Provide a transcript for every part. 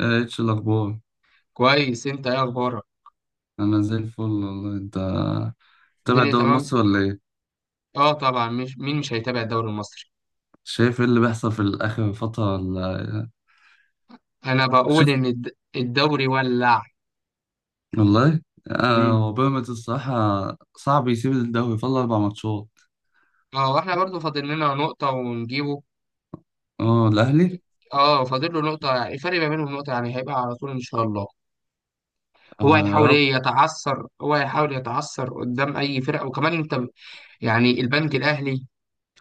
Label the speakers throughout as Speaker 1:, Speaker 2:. Speaker 1: آه، ايش الاخبار؟
Speaker 2: كويس، انت ايه اخبارك؟
Speaker 1: انا زي الفل والله. انت تابع
Speaker 2: الدنيا
Speaker 1: الدوري
Speaker 2: تمام.
Speaker 1: المصري ولا ايه؟
Speaker 2: اه، طبعا مش مين مش هيتابع الدوري المصري؟
Speaker 1: شايف ايه اللي بيحصل في الاخر فتره ولا إيه؟
Speaker 2: انا بقول
Speaker 1: شوف
Speaker 2: ان الدوري ولع.
Speaker 1: والله.
Speaker 2: امم.
Speaker 1: هو بيراميدز الصراحه صعب يسيب الدوري، فاضل اربع ماتشات.
Speaker 2: اه، واحنا برضو فاضل لنا نقطة ونجيبه.
Speaker 1: اه الاهلي.
Speaker 2: اه، فاضل له نقطة، يعني الفرق ما بينهم نقطة، يعني هيبقى على طول ان شاء الله.
Speaker 1: اه يا رب.
Speaker 2: هو هيحاول يتعثر قدام اي فرقة، وكمان انت يعني البنك الاهلي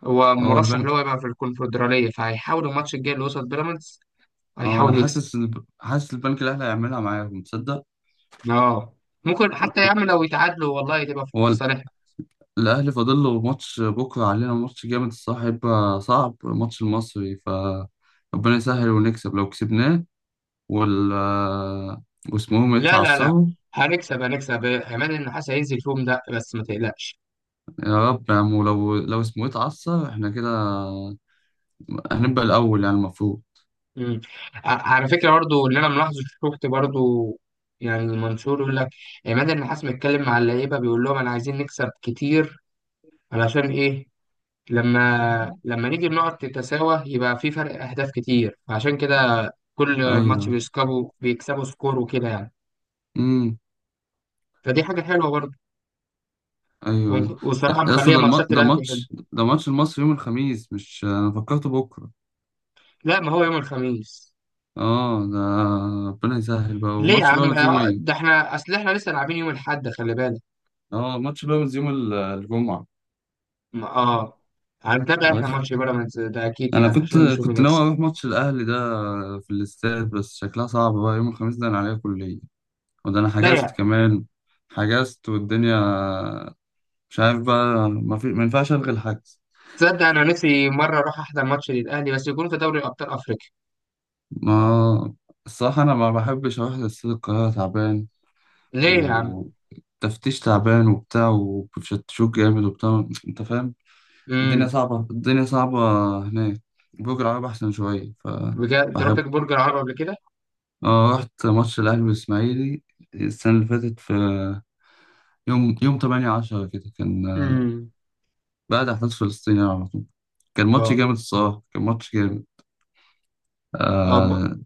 Speaker 2: هو
Speaker 1: اه
Speaker 2: مرشح
Speaker 1: البنك.
Speaker 2: اللي هو يبقى في الكونفدرالية، فهيحاول الماتش الجاي اللي وصل بيراميدز
Speaker 1: اه انا
Speaker 2: هيحاول يكسب.
Speaker 1: حاسس حاسس البنك الاهلي هيعملها معاهم، تصدق.
Speaker 2: اه، ممكن حتى يعمل، لو يتعادلوا والله تبقى في
Speaker 1: هو
Speaker 2: في
Speaker 1: ال-
Speaker 2: صالحنا.
Speaker 1: الاهلي فاضل له ماتش بكره، علينا ماتش جامد الصراحه، هيبقى صعب ماتش المصري. ف ربنا يسهل ونكسب لو كسبناه، وال واسمهم
Speaker 2: لا، لا، لا،
Speaker 1: يتعصبوا.
Speaker 2: هنكسب هنكسب، عماد النحاس هينزل فيهم ده، بس ما تقلقش.
Speaker 1: يا رب يا عم، ولو اسمه يتعصب احنا كده هنبقى الأول يعني المفروض.
Speaker 2: مم. على فكره برضو اللي انا ملاحظه، شفت برضو، يعني المنشور يقول لك عماد النحاس متكلم مع اللعيبه، بيقول لهم انا عايزين نكسب كتير. علشان ايه؟ لما نيجي النقط تتساوى يبقى في فرق اهداف كتير، عشان كده كل ماتش
Speaker 1: أيوه.
Speaker 2: بيكسبوا بيكسبوا سكور وكده، يعني.
Speaker 1: امم.
Speaker 2: فدي حاجه حلوه برضو.
Speaker 1: أيوه أيوه.
Speaker 2: وصراحه
Speaker 1: يا اسطى
Speaker 2: مخليه
Speaker 1: ده
Speaker 2: ماتشات
Speaker 1: ده
Speaker 2: الاهلي حلو.
Speaker 1: ماتش، ده ماتش المصري يوم الخميس مش أنا فكرته بكرة.
Speaker 2: لا، ما هو يوم الخميس.
Speaker 1: اه ده ربنا يسهل بقى.
Speaker 2: ليه يا
Speaker 1: وماتش
Speaker 2: عم؟
Speaker 1: بيراميدز يوم
Speaker 2: ده
Speaker 1: ايه؟
Speaker 2: احنا اصل احنا لسه لاعبين يوم الاحد، خلي بالك.
Speaker 1: اه ماتش بيراميدز يوم الجمعة.
Speaker 2: اه، هنتابع احنا ماتش بيراميدز ده اكيد،
Speaker 1: أنا
Speaker 2: يعني
Speaker 1: كنت
Speaker 2: عشان نشوف مين
Speaker 1: كنت ناوي
Speaker 2: يكسب.
Speaker 1: أروح ماتش الأهلي ده في الاستاد، بس شكلها صعب بقى يوم الخميس ده، أنا عليا كلية وده انا
Speaker 2: لا،
Speaker 1: حجزت
Speaker 2: يعني
Speaker 1: كمان. حجزت والدنيا مش عارف بقى، ما ينفعش الغي الحجز.
Speaker 2: تصدق انا نفسي مره اروح احضر ماتش للاهلي، بس يكون في دوري ابطال افريقيا.
Speaker 1: ما الصراحه انا ما بحبش اروح لسيد القاهره، تعبان
Speaker 2: ليه يا عم؟
Speaker 1: وتفتيش تعبان وبتاع وبتشتشوك جامد وبتاع، انت فاهم. الدنيا
Speaker 2: امم.
Speaker 1: صعبه، الدنيا صعبه هناك. برج العرب احسن شويه ف
Speaker 2: بجد انت رحت
Speaker 1: بحب.
Speaker 2: برج العرب قبل كده؟
Speaker 1: اه رحت ماتش الاهلي والاسماعيلي السنه اللي فاتت، في يوم 8 10 كده كان،
Speaker 2: امم.
Speaker 1: بعد احداث فلسطين يعني على طول. كان ماتش
Speaker 2: اه.
Speaker 1: جامد الصراحة، كان ماتش جامد.
Speaker 2: اه،
Speaker 1: آه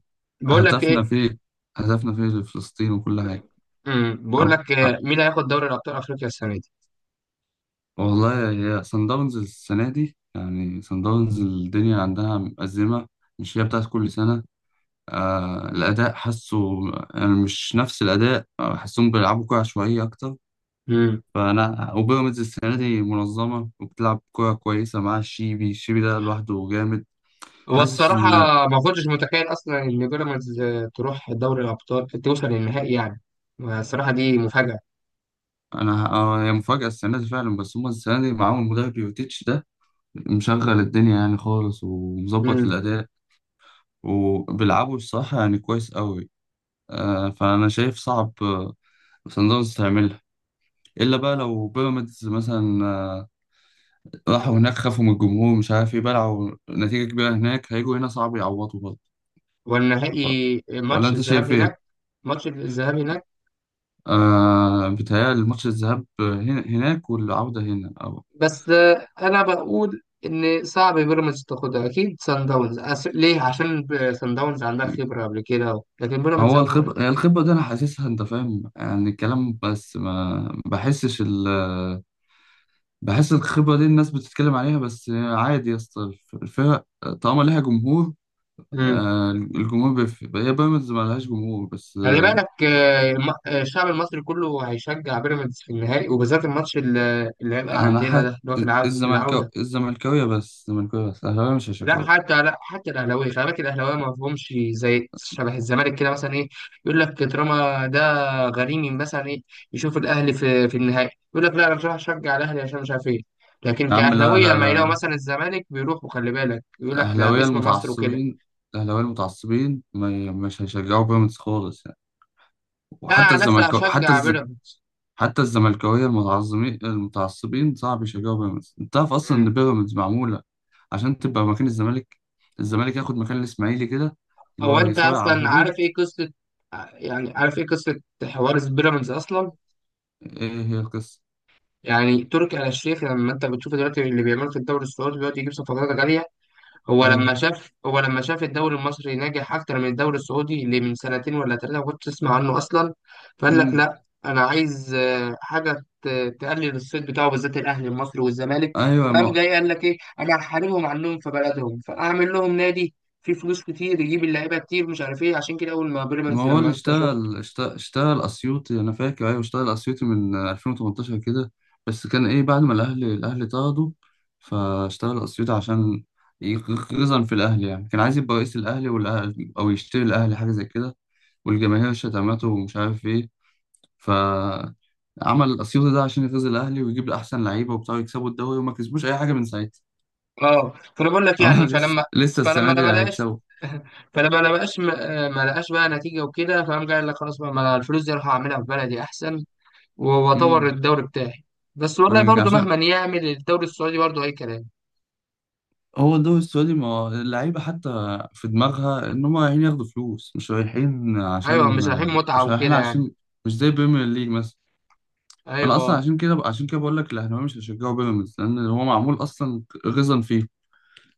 Speaker 2: بقول لك
Speaker 1: هدفنا
Speaker 2: ايه.
Speaker 1: فيه، هدفنا فيه لفلسطين وكل حاجة.
Speaker 2: بقول
Speaker 1: أو-
Speaker 2: لك،
Speaker 1: أه،
Speaker 2: مين هياخد دوري ابطال افريقيا السنه
Speaker 1: والله هي صن داونز السنة دي يعني، صن داونز الدنيا عندها مأزمة، مش هي بتاعت كل سنة. آه الأداء حاسه يعني مش نفس الأداء، حاسهم بيلعبوا كورة عشوائية أكتر.
Speaker 2: دي؟
Speaker 1: فأنا وبيراميدز السنة دي منظمة وبتلعب كورة كويسة، مع الشيبي، الشيبي ده لوحده جامد،
Speaker 2: هو
Speaker 1: حاسس.
Speaker 2: الصراحة ما كنتش متخيل أصلا إن بيراميدز تروح دوري الأبطال، توصل للنهائي يعني. الصراحة دي مفاجأة.
Speaker 1: انا ه- آه، هي مفاجأة السنة دي فعلا، بس هما السنة دي معاهم المدرب يوتيتش ده مشغل الدنيا يعني خالص ومظبط في
Speaker 2: مم.
Speaker 1: الأداء. وبيلعبوا الصراحة يعني كويس قوي. فأنا شايف صعب صن داونز تعملها، إلا بقى لو بيراميدز مثلا راحوا هناك خافوا من الجمهور مش عارف إيه، بلعوا نتيجة كبيرة هناك، هيجوا هنا صعب يعوضوا. برضه
Speaker 2: والنهائي
Speaker 1: ولا
Speaker 2: ماتش
Speaker 1: أنت
Speaker 2: الذهاب
Speaker 1: شايف إيه؟
Speaker 2: هناك. ماتش الذهاب هناك.
Speaker 1: آه بيتهيألي الماتش الذهاب هناك والعودة هنا أو.
Speaker 2: بس أنا بقول إن صعب بيراميدز تاخدها، أكيد سان داونز. ليه؟ عشان سان داونز عندها خبرة قبل كده، لكن بيراميدز
Speaker 1: هو
Speaker 2: أول مرة.
Speaker 1: الخبرة، هي الخبرة دي أنا حاسسها، أنت فاهم يعني الكلام، بس ما بحسش ال بحس الخبرة دي الناس بتتكلم عليها بس عادي يا اسطى الفرق طالما ليها جمهور.
Speaker 2: مم.
Speaker 1: الجمهور بيفرق، هي بيراميدز ما لهاش جمهور بس
Speaker 2: خلي بالك، الشعب المصري كله هيشجع بيراميدز في النهائي، وبالذات الماتش اللي هيبقى
Speaker 1: أنا
Speaker 2: عندنا ده،
Speaker 1: حق.
Speaker 2: اللي هو في العودة.
Speaker 1: الزملكاوية بس، الأهلاوية مش
Speaker 2: لا
Speaker 1: هشجعه.
Speaker 2: حتى لا حتى الاهلاويه، خلي بالك الاهلاويه ما فيهمش زي شبه الزمالك كده، مثلا ايه، يقول لك طالما ده غريمي، مثلا ايه، يشوف الاهلي في النهائي يقول لك لا، انا مش راح اشجع الاهلي عشان مش عارف ايه. لكن
Speaker 1: يا عم لا
Speaker 2: كاهلاويه
Speaker 1: لا
Speaker 2: لما يلاقوا
Speaker 1: لا.
Speaker 2: مثلا الزمالك بيروحوا، خلي بالك، يقول لك لا،
Speaker 1: الأهلاوية
Speaker 2: باسم مصر وكده.
Speaker 1: المتعصبين الأهلاوية المتعصبين مش هيشجعوا بيراميدز خالص يعني.
Speaker 2: لا،
Speaker 1: وحتى
Speaker 2: على نفسي
Speaker 1: الزملكاوية حتى
Speaker 2: هشجع
Speaker 1: الزملكاوية،
Speaker 2: بيراميدز.
Speaker 1: حتى الزملكاويه المتعصبين المتعصبين صعب يشجعوا بيراميدز. انت عارف اصلا ان
Speaker 2: أمم.
Speaker 1: بيراميدز معموله عشان تبقى مكان الزمالك، الزمالك ياخد مكان الاسماعيلي كده اللي
Speaker 2: هو
Speaker 1: هو
Speaker 2: انت
Speaker 1: بيصارع على
Speaker 2: اصلا عارف
Speaker 1: الهبوط.
Speaker 2: ايه قصه، يعني عارف ايه قصه حوار بيراميدز اصلا؟
Speaker 1: ايه هي القصه؟
Speaker 2: يعني تركي آل الشيخ، لما انت بتشوف دلوقتي اللي بيعمله في الدوري السعودي دلوقتي يجيب صفقات غاليه،
Speaker 1: ايوه.
Speaker 2: هو لما شاف الدوري المصري ناجح اكتر من الدوري السعودي، اللي من سنتين ولا 3 ما كنتش اسمع عنه اصلا، فقال لك
Speaker 1: امم.
Speaker 2: لا، انا عايز حاجه تقلل الصيت بتاعه، بالذات الاهلي المصري والزمالك، فقام
Speaker 1: ايوه.
Speaker 2: جاي قال لك ايه، انا هحاربهم عنهم في بلدهم، فاعمل لهم نادي فيه فلوس كتير، يجيب اللعيبه كتير مش عارف ايه، عشان كده اول ما
Speaker 1: ما
Speaker 2: بيراميدز
Speaker 1: هو اللي
Speaker 2: لما انت شفت،
Speaker 1: اشتغل أسيوطي أنا فاكر، أيوة اشتغل أسيوطي من 2018 كده، بس كان إيه بعد ما الأهلي طرده، فاشتغل أسيوطي عشان يغزن في الأهلي يعني، كان عايز يبقى رئيس الأهلي والأهلي أو يشتري الأهلي حاجة زي كده، والجماهير شتمته ومش عارف إيه. فعمل الأسيوطي ده عشان يغيظ الأهلي ويجيب أحسن لعيبة وبتاع يكسبوا الدوري، وما كسبوش أي حاجة من ساعتها.
Speaker 2: اه، فانا بقول لك
Speaker 1: اه
Speaker 2: يعني،
Speaker 1: لسه،
Speaker 2: فلما
Speaker 1: لسه
Speaker 2: فلما
Speaker 1: السنة دي
Speaker 2: لما لقاش
Speaker 1: هيكسبوا.
Speaker 2: فلما لقاش ما لقاش آه، ما لقاش بقى نتيجه وكده، فقام جاي قال لك خلاص بقى، ما أنا الفلوس دي اروح اعملها في بلدي احسن، واعتبر
Speaker 1: امم.
Speaker 2: الدوري بتاعي. بس والله
Speaker 1: أنا
Speaker 2: برضه،
Speaker 1: عشان
Speaker 2: مهما يعمل الدوري السعودي برضه اي كلام.
Speaker 1: هو الدوري السعودي ما هو اللعيبة حتى في دماغها إن هم رايحين ياخدوا فلوس، مش رايحين
Speaker 2: ايوه،
Speaker 1: عشان،
Speaker 2: مش رايحين متعه
Speaker 1: مش رايحين
Speaker 2: وكده يعني.
Speaker 1: عشان، مش زي بريمير ليج مثلا. أنا أصلا
Speaker 2: ايوه.
Speaker 1: عشان كده، عشان كده بقول لك الأهلاوية مش هيشجعوا بيراميدز، لأن هو معمول أصلا غيظا فيه.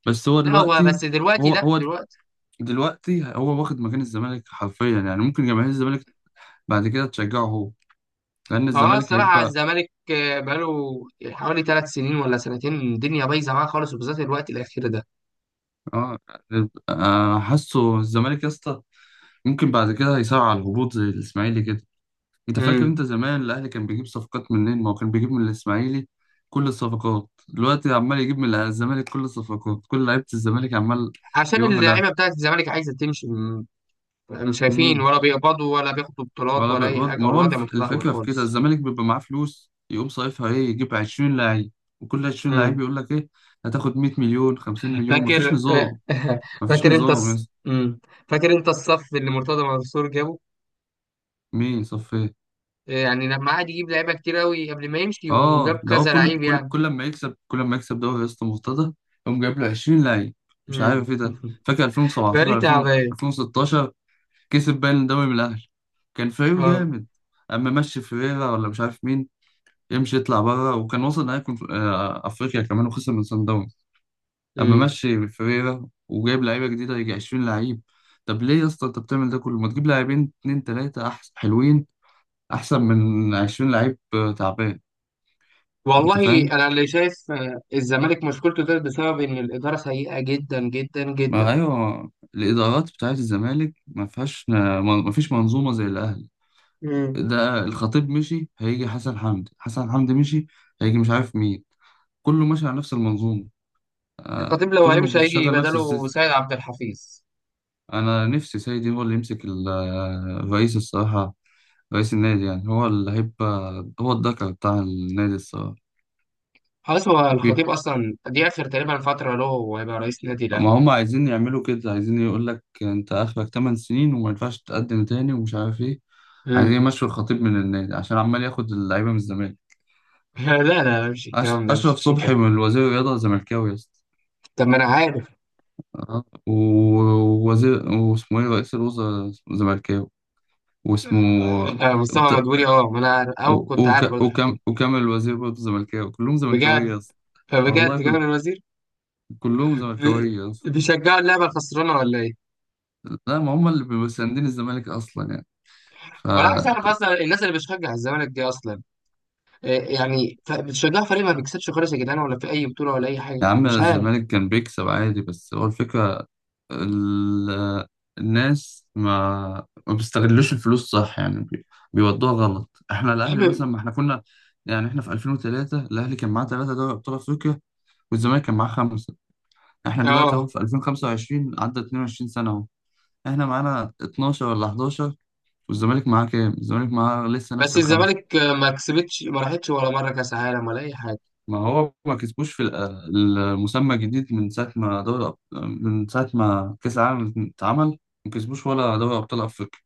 Speaker 1: بس هو
Speaker 2: لا، هو
Speaker 1: دلوقتي.
Speaker 2: بس دلوقتي،
Speaker 1: هو
Speaker 2: لا
Speaker 1: هو
Speaker 2: دلوقتي
Speaker 1: دلوقتي هو واخد مكان الزمالك حرفيا يعني، ممكن جماهير الزمالك بعد كده تشجعه هو، لأن
Speaker 2: هو.
Speaker 1: الزمالك
Speaker 2: الصراحه
Speaker 1: هيبقى.
Speaker 2: الزمالك بقاله حوالي 3 سنين ولا سنتين، الدنيا بايظه معاه خالص، وبالذات الوقت الاخير ده.
Speaker 1: آه. حاسه الزمالك يا اسطى ممكن بعد كده هيسارع على الهبوط زي الإسماعيلي كده. انت فاكر
Speaker 2: امم.
Speaker 1: انت زمان الاهلي كان بيجيب صفقات منين؟ ما هو كان بيجيب من الاسماعيلي. كل الصفقات دلوقتي عمال يجيب من الزمالك، كل الصفقات، كل لعيبه الزمالك عمال
Speaker 2: عشان
Speaker 1: يروحوا له.
Speaker 2: اللعيبه بتاعت الزمالك عايزه تمشي مش شايفين
Speaker 1: امم.
Speaker 2: ولا بيقبضوا ولا بياخدوا بطولات
Speaker 1: ولا
Speaker 2: ولا اي
Speaker 1: بيقبض،
Speaker 2: حاجه،
Speaker 1: ما هو
Speaker 2: والوضع متدهور
Speaker 1: الفكره في كده،
Speaker 2: خالص.
Speaker 1: الزمالك بيبقى معاه فلوس يقوم صايفها ايه، يجيب 20 لعيب، وكل 20 لعيب
Speaker 2: امم.
Speaker 1: يقول لك ايه، هتاخد 100 مليون، 50 مليون، مفيش
Speaker 2: فاكر؟
Speaker 1: نظام، مفيش
Speaker 2: فاكر انت
Speaker 1: نظام يا
Speaker 2: الص...
Speaker 1: اسطى.
Speaker 2: مم. فاكر انت الصف اللي مرتضى منصور جابه،
Speaker 1: مين صفي؟
Speaker 2: يعني لما قعد يجيب لعيبه كتير قوي قبل ما يمشي وجاب
Speaker 1: اه ده هو
Speaker 2: كذا لعيب يعني.
Speaker 1: كل لما يكسب، كل لما يكسب دوري يا اسطى مرتضى يقوم جايب له 20 لعيب، مش
Speaker 2: مم.
Speaker 1: عارف ايه ده. فاكر 2017،
Speaker 2: فريق
Speaker 1: 2000،
Speaker 2: تعبان.
Speaker 1: 2016 كسب باين الدوري من الاهلي، كان فريقه
Speaker 2: اه.
Speaker 1: جامد. اما مشي فيريرا ولا مش عارف مين يمشي يطلع بره، وكان وصل نهائي افريقيا كمان، وخسر من صن داونز. اما
Speaker 2: مم.
Speaker 1: مشي فيريرا وجايب لعيبه جديده، يجي 20 لعيب. طب ليه يا اسطى انت بتعمل ده كله، ما تجيب لاعبين اتنين تلاته احسن حلوين، احسن من 20 لعيب تعبان. انت
Speaker 2: والله
Speaker 1: فاهم.
Speaker 2: انا اللي شايف الزمالك مشكلته ده بسبب ان الاداره سيئه جدا جدا جدا.
Speaker 1: ما ايوه الادارات بتاعت الزمالك ما فيهاش، ما فيش منظومه زي الاهلي.
Speaker 2: مم.
Speaker 1: ده الخطيب مشي هيجي حسن حمدي، حسن حمدي مشي هيجي مش عارف مين، كله ماشي على نفس المنظومه،
Speaker 2: الخطيب لو
Speaker 1: كله
Speaker 2: هيمشي هيجي
Speaker 1: بيشغل نفس
Speaker 2: بداله
Speaker 1: السيستم.
Speaker 2: سيد عبد الحفيظ.
Speaker 1: انا نفسي سيدي هو اللي يمسك الرئيس الصراحه، رئيس النادي يعني هو اللي هيبقى، هو الذكر بتاع النادي الصراحه.
Speaker 2: خلاص، هو الخطيب اصلا دي اخر تقريبا فتره له وهيبقى رئيس نادي الاهلي.
Speaker 1: ما هم عايزين يعملوا كده، عايزين يقول لك انت اخرك 8 سنين وما ينفعش تقدم تاني ومش عارف ايه، عايزين
Speaker 2: مم.
Speaker 1: يمشوا الخطيب من النادي عشان عمال ياخد اللعيبه من الزمالك.
Speaker 2: لا، لا، لا، مش الكلام ده، مش
Speaker 1: اشرف
Speaker 2: مش
Speaker 1: صبحي
Speaker 2: كده.
Speaker 1: من وزير الرياضه زملكاوي يا اسطى.
Speaker 2: طب ما انا عارف.
Speaker 1: اه. ووزير واسمه ايه، رئيس الوزراء زملكاوي، واسمه.
Speaker 2: آه، مصطفى
Speaker 1: بت...
Speaker 2: مدبولي. اه، ما انا عارف، او
Speaker 1: و-
Speaker 2: كنت عارف
Speaker 1: وك...
Speaker 2: برضه الحكايه
Speaker 1: وكم...
Speaker 2: دي.
Speaker 1: وكامل الوزير برضه زملكاوي، كلهم زملكاويه
Speaker 2: بجد.
Speaker 1: يا اسطى. والله
Speaker 2: فبجد جابر
Speaker 1: كل...
Speaker 2: الوزير.
Speaker 1: كلهم
Speaker 2: بي-
Speaker 1: زملكاويه يا اسطى.
Speaker 2: بيشجعوا اللعبه الخسرانه ولا ايه؟
Speaker 1: لا ما هم اللي بيبقوا مساندين الزمالك اصلا يعني ف.
Speaker 2: وانا عايز اعرف اصلا الناس اللي بتشجع الزمالك دي اصلا، يعني بتشجعوا فريق ما بيكسبش خالص يا جدعان، ولا في اي بطوله ولا اي حاجه،
Speaker 1: يا عم
Speaker 2: مش عارف.
Speaker 1: الزمالك كان بيكسب عادي، بس هو الفكرة ال... الناس ما بيستغلوش الفلوس صح يعني، بيودوها غلط. احنا
Speaker 2: يا
Speaker 1: الاهلي
Speaker 2: عم،
Speaker 1: مثلا، ما احنا كنا يعني، احنا في 2003 الاهلي كان معاه ثلاثة دوري ابطال افريقيا، والزمالك كان معاه خمسة. احنا دلوقتي اهو
Speaker 2: اه،
Speaker 1: في 2025 عدى 22 سنة اهو، احنا معانا 12 ولا 11، والزمالك معاه كام؟ الزمالك معاه لسه نفس
Speaker 2: بس
Speaker 1: الخمسة.
Speaker 2: الزمالك ما كسبتش ما راحتش ولا مره كاس عالم ولا اي حاجه.
Speaker 1: ما هو ما كسبوش في المسمى الجديد، من ساعة ما من ساعة ما كأس العالم اتعمل ما كسبوش ولا دوري أبطال أفريقيا.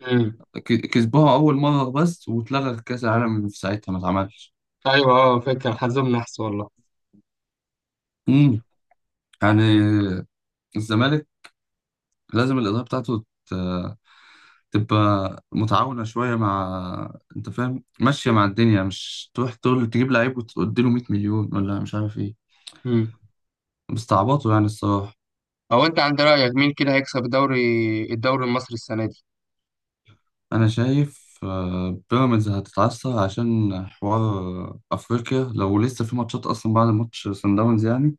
Speaker 2: امم.
Speaker 1: كسبوها أول مرة بس، واتلغى كأس العالم في ساعتها ما اتعملش.
Speaker 2: ايوه. اه، فكره حظهم نحس والله.
Speaker 1: امم يعني الزمالك لازم الإدارة بتاعته تبقى متعاونة شوية، مع، أنت فاهم، ماشية مع الدنيا، مش تروح تقول تجيب لعيب وتديله 100 مليون ولا مش عارف إيه،
Speaker 2: امم.
Speaker 1: مستعبطه يعني الصراحة.
Speaker 2: هو انت عند رايك مين كده هيكسب الدوري، الدوري المصري السنه دي؟
Speaker 1: أنا شايف بيراميدز هتتعثر عشان حوار أفريقيا، لو لسه في ماتشات أصلا بعد ماتش سان داونز يعني،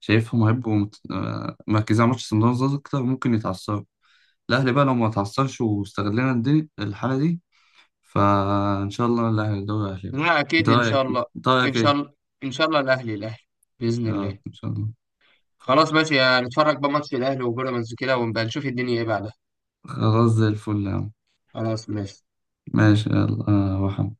Speaker 1: شايفهم هيبقوا مركزين على ماتش سان داونز أكتر، ممكن يتعثروا. الأهلي بقى لو ما اتعثرش واستغلنا الدنيا الحالة دي، فإن شاء الله الأهلي الدوري الأهلي.
Speaker 2: لا،
Speaker 1: أنت
Speaker 2: اكيد ان شاء
Speaker 1: رأيك
Speaker 2: الله.
Speaker 1: أنت
Speaker 2: ان
Speaker 1: رأيك
Speaker 2: شاء
Speaker 1: إيه؟
Speaker 2: الله، ان شاء الله الاهلي الاهلي، باذن
Speaker 1: يا
Speaker 2: الله.
Speaker 1: رب إن شاء الله.
Speaker 2: خلاص ماشي، هنتفرج بقى ماتش الاهلي وبيراميدز كده، ونبقى نشوف الدنيا ايه بعدها.
Speaker 1: خلاص زي الفل يا عم.
Speaker 2: خلاص ماشي.
Speaker 1: ماشي يلا روح.